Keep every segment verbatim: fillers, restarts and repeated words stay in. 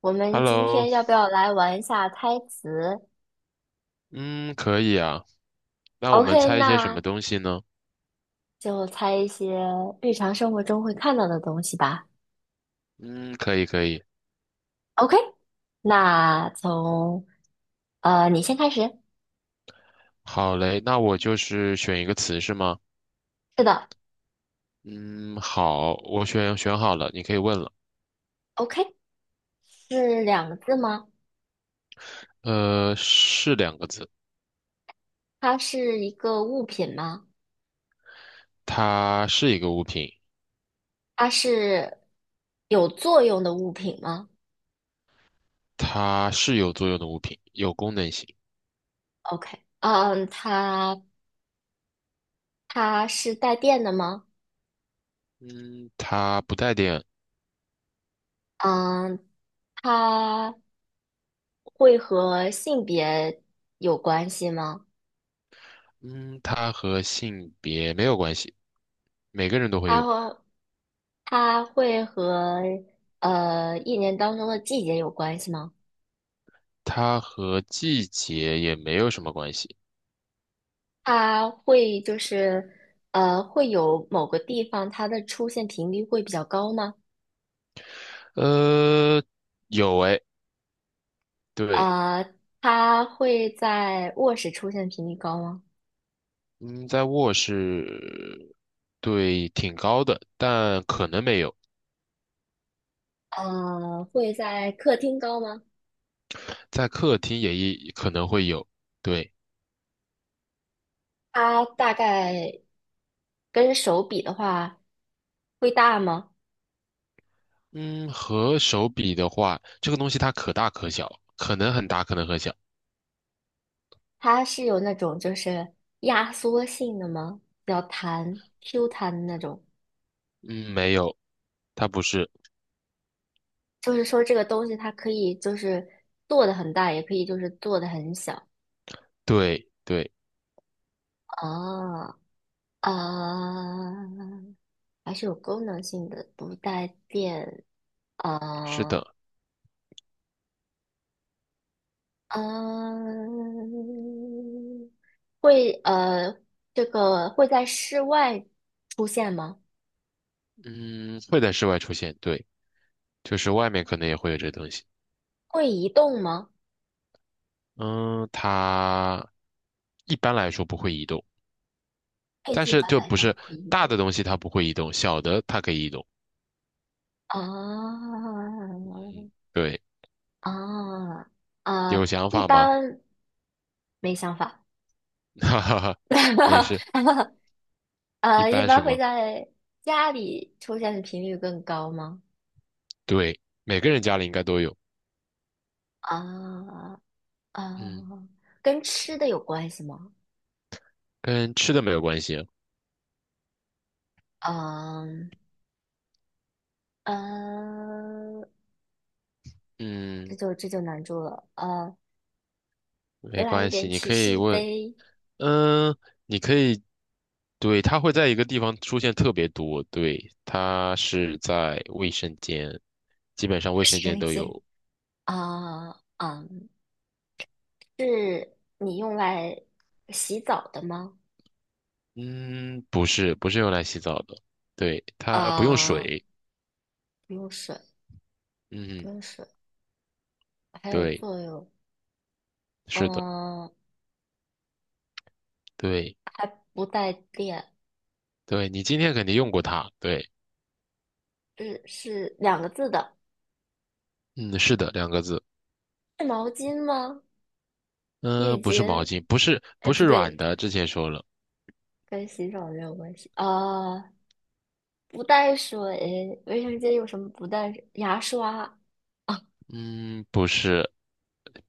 我们今 Hello，天要不要来玩一下猜词嗯，可以啊。那我们？OK，猜一些什那么东西呢？就猜一些日常生活中会看到的东西吧。嗯，可以，可以。OK，那从呃你先开始。好嘞，那我就是选一个词是吗？是的嗯，好，我选选好了，你可以问了。，OK，是两个字吗？呃，是两个字，它是一个物品吗？它是一个物品，它是有作用的物品吗它是有作用的物品，有功能性。？OK，嗯，它它是带电的吗？嗯，它不带电。嗯，它会和性别有关系吗？嗯，它和性别没有关系，每个人都会它用。和它会和呃一年当中的季节有关系吗？它和季节也没有什么关系。它会就是呃会有某个地方它的出现频率会比较高吗？呃，有诶，对。呃，它会在卧室出现频率高吗？嗯，在卧室，对，挺高的，但可能没有，呃，会在客厅高吗？在客厅也一可能会有。对，它大概跟手比的话会大吗？嗯，和手比的话，这个东西它可大可小，可能很大，可能很小。它是有那种就是压缩性的吗？比较弹 Q 弹的那种。嗯，没有，它不是。就是说这个东西它可以就是做的很大，也可以就是做的很小对，对，啊啊，还是有功能性的，不带电是啊的。啊，会呃这个会在室外出现吗？嗯，会在室外出现，对，就是外面可能也会有这东西。会移动吗？嗯，它一般来说不会移动，哎，但一是般就来不说是不会移大动。的东西它不会移动，小的它可以移动。啊嗯，对。啊啊！有想一法吗？般没想法，哈哈哈，没事，一呃，一般般什会么？在家里出现的频率更高吗？对，每个人家里应该都有。啊啊，嗯，跟吃的有关系吗？跟吃的没有关系。嗯嗯，呃这嗯，就这就难住了。呃，没来一关系，点你提可以示问。呗，嗯，你可以，对，它会在一个地方出现特别多。对，它是在卫生间，基本上 我卫生是间扔都姐。有。啊嗯是你用来洗澡的吗？嗯，不是，不是用来洗澡的。对，它不用啊，水。不用水，不嗯，用水，还有对，作用。是的，嗯，对，还不带电，对，你今天肯定用过它。对，是是两个字的。嗯，是的，两个字。是毛巾吗？浴嗯，不是毛巾？巾，不是哎，不不是软对，的，之前说了，跟洗澡没有关系啊。不带水，卫生间有什么不带水牙刷，嗯，不是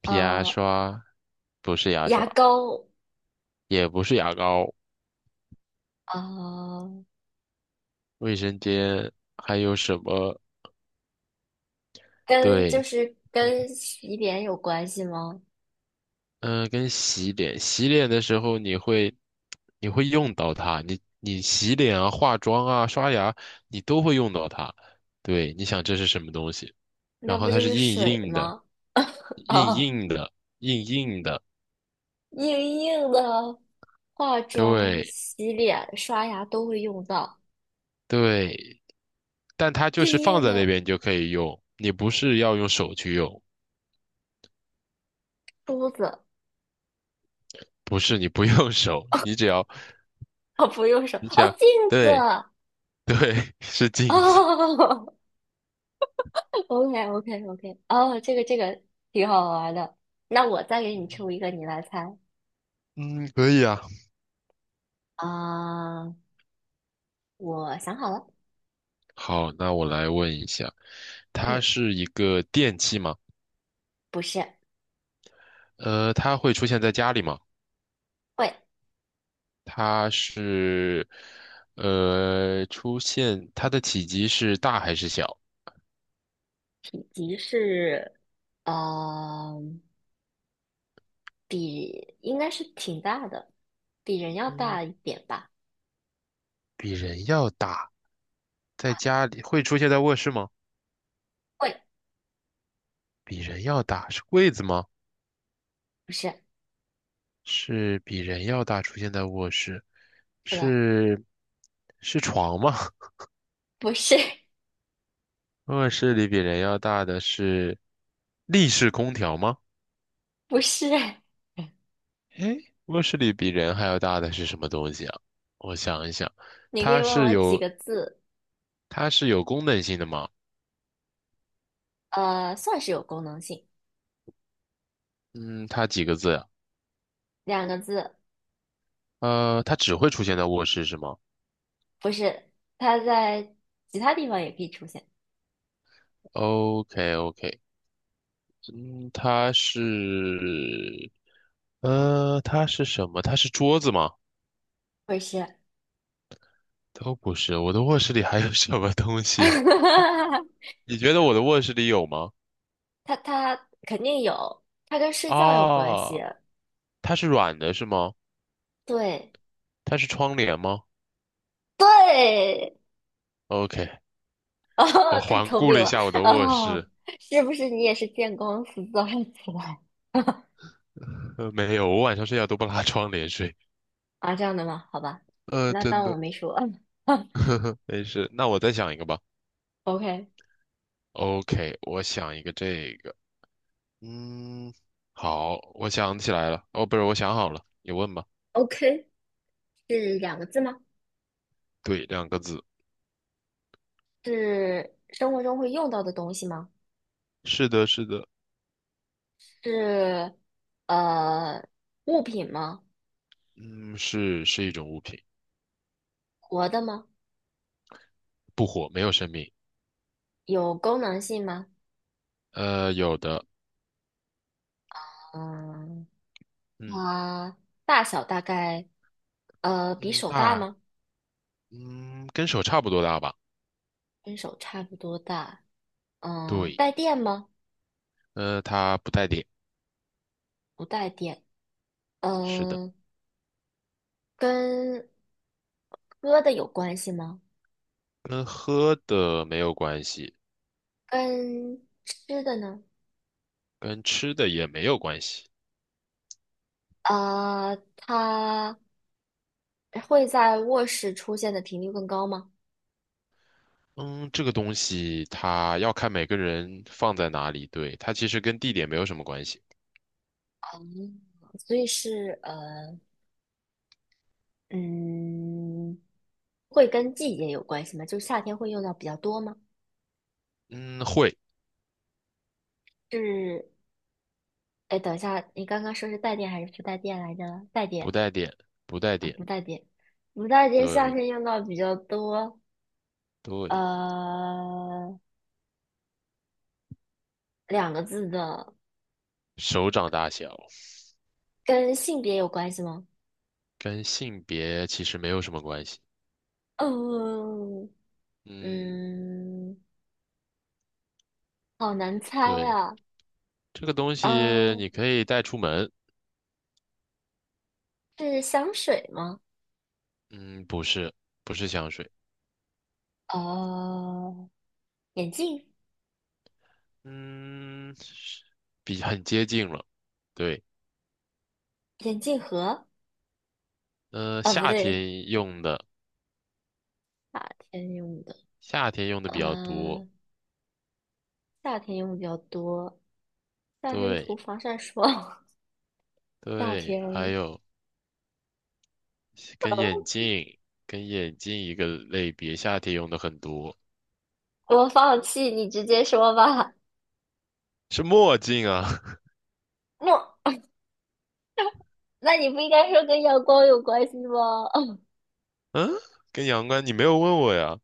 皮牙呃，刷，不是牙牙刷，膏，也不是牙膏，呃，卫生间还有什么？跟就对，是跟洗脸有关系吗？嗯，跟洗脸，洗脸的时候你会你会用到它，你你洗脸啊、化妆啊、刷牙，你都会用到它。对，你想这是什么东西？然那后不它就是是硬水硬的，吗？硬啊，硬的，硬硬的，硬硬的，化妆、对洗脸、刷牙都会用到。对。但它就硬是放硬在那的边你就可以用，你不是要用手去用，梳子，不是你不用手，你只要 哦，不用手，你只哦，要镜子，对哦。对 是镜子，o k o k o k 哦，这个这个挺好玩的。那我再给你出一个，你来猜。嗯，可以啊。啊、我想好了，好，那我来问一下，嗯，它是一个电器吗？不是，呃，它会出现在家里吗？会，它是呃出现它的体积是大还是小？体积是，呃，比应该是挺大的，比人要嗯，大一点吧。比人要大，在家里会出现在卧室吗？会，比人要大，是柜子吗？不是，是比人要大，出现在卧室，是的，是是床吗？不是，卧室里比人要大的是立式空调吗？不是。诶，卧室里比人还要大的是什么东西啊？我想一想，你可以它问是我几有个字，它是有功能性的吗？呃，算是有功能性，嗯，它几个字呀？两个字，呃，它只会出现在卧室是吗不是，它在其他地方也可以出现，？OK OK，嗯，它是呃，它是什么？它是桌子吗？不是。都不是，我的卧室里还有什么东西啊 你觉得我的卧室里有吗？它它肯定有，它跟睡觉有关系。啊，它是软的是吗？对它是窗帘吗对，？OK，我哦，太环聪顾了明一了下我的卧哦，室，是不是你也是见光死早上起来 呃，没有，我晚上睡觉都不拉窗帘睡。啊？这样的吗？好吧，呃，那真当我的，没说。呵呵，没事。那我再想一个吧。OK OK，我想一个这个，嗯，好，我想起来了。哦，不是，我想好了，你问吧。OK，是两个字吗？对，两个字。是生活中会用到的东西吗？是的，是的，是呃物品吗？嗯，是是一种物品，活的吗？不活，没有生命。有功能性吗？呃，有的。嗯，嗯。它大小大概呃比嗯，手大大，吗？嗯，跟手差不多大吧？跟手差不多大。嗯、对，带电吗？呃，它不带点，不带电。是的，嗯、跟喝的有关系吗？跟喝的没有关系，跟吃的呢？跟吃的也没有关系。啊，它会在卧室出现的频率更高吗？嗯，这个东西它要看每个人放在哪里，对，它其实跟地点没有什么关系。嗯，所以是呃，嗯，会跟季节有关系吗？就是夏天会用到比较多吗？嗯，会，是。哎，等一下，你刚刚说是带电还是不带电来着？带不电带点，不带啊，点，不带电，不带电，夏对天用到比较多。对，呃，两个字的，手掌大小，跟性别有关系吗？跟性别其实没有什么关系。嗯嗯，嗯，好难猜对，啊。这个东西呃，你可以带出门。是香水吗？嗯，不是，不是香水。呃，眼镜，嗯，是比很接近了。对，眼镜盒呃，啊，不夏对，天用的，夏天用的，夏天用的比较多。嗯，夏天用比较多，夏天涂对防晒霜，夏对，还天。有跟眼镜，跟眼镜一个类别，夏天用的很多，我放弃，你直接说吧。是墨镜啊。那那你不应该说跟阳光有关系吗？嗯，跟阳光，你没有问我呀。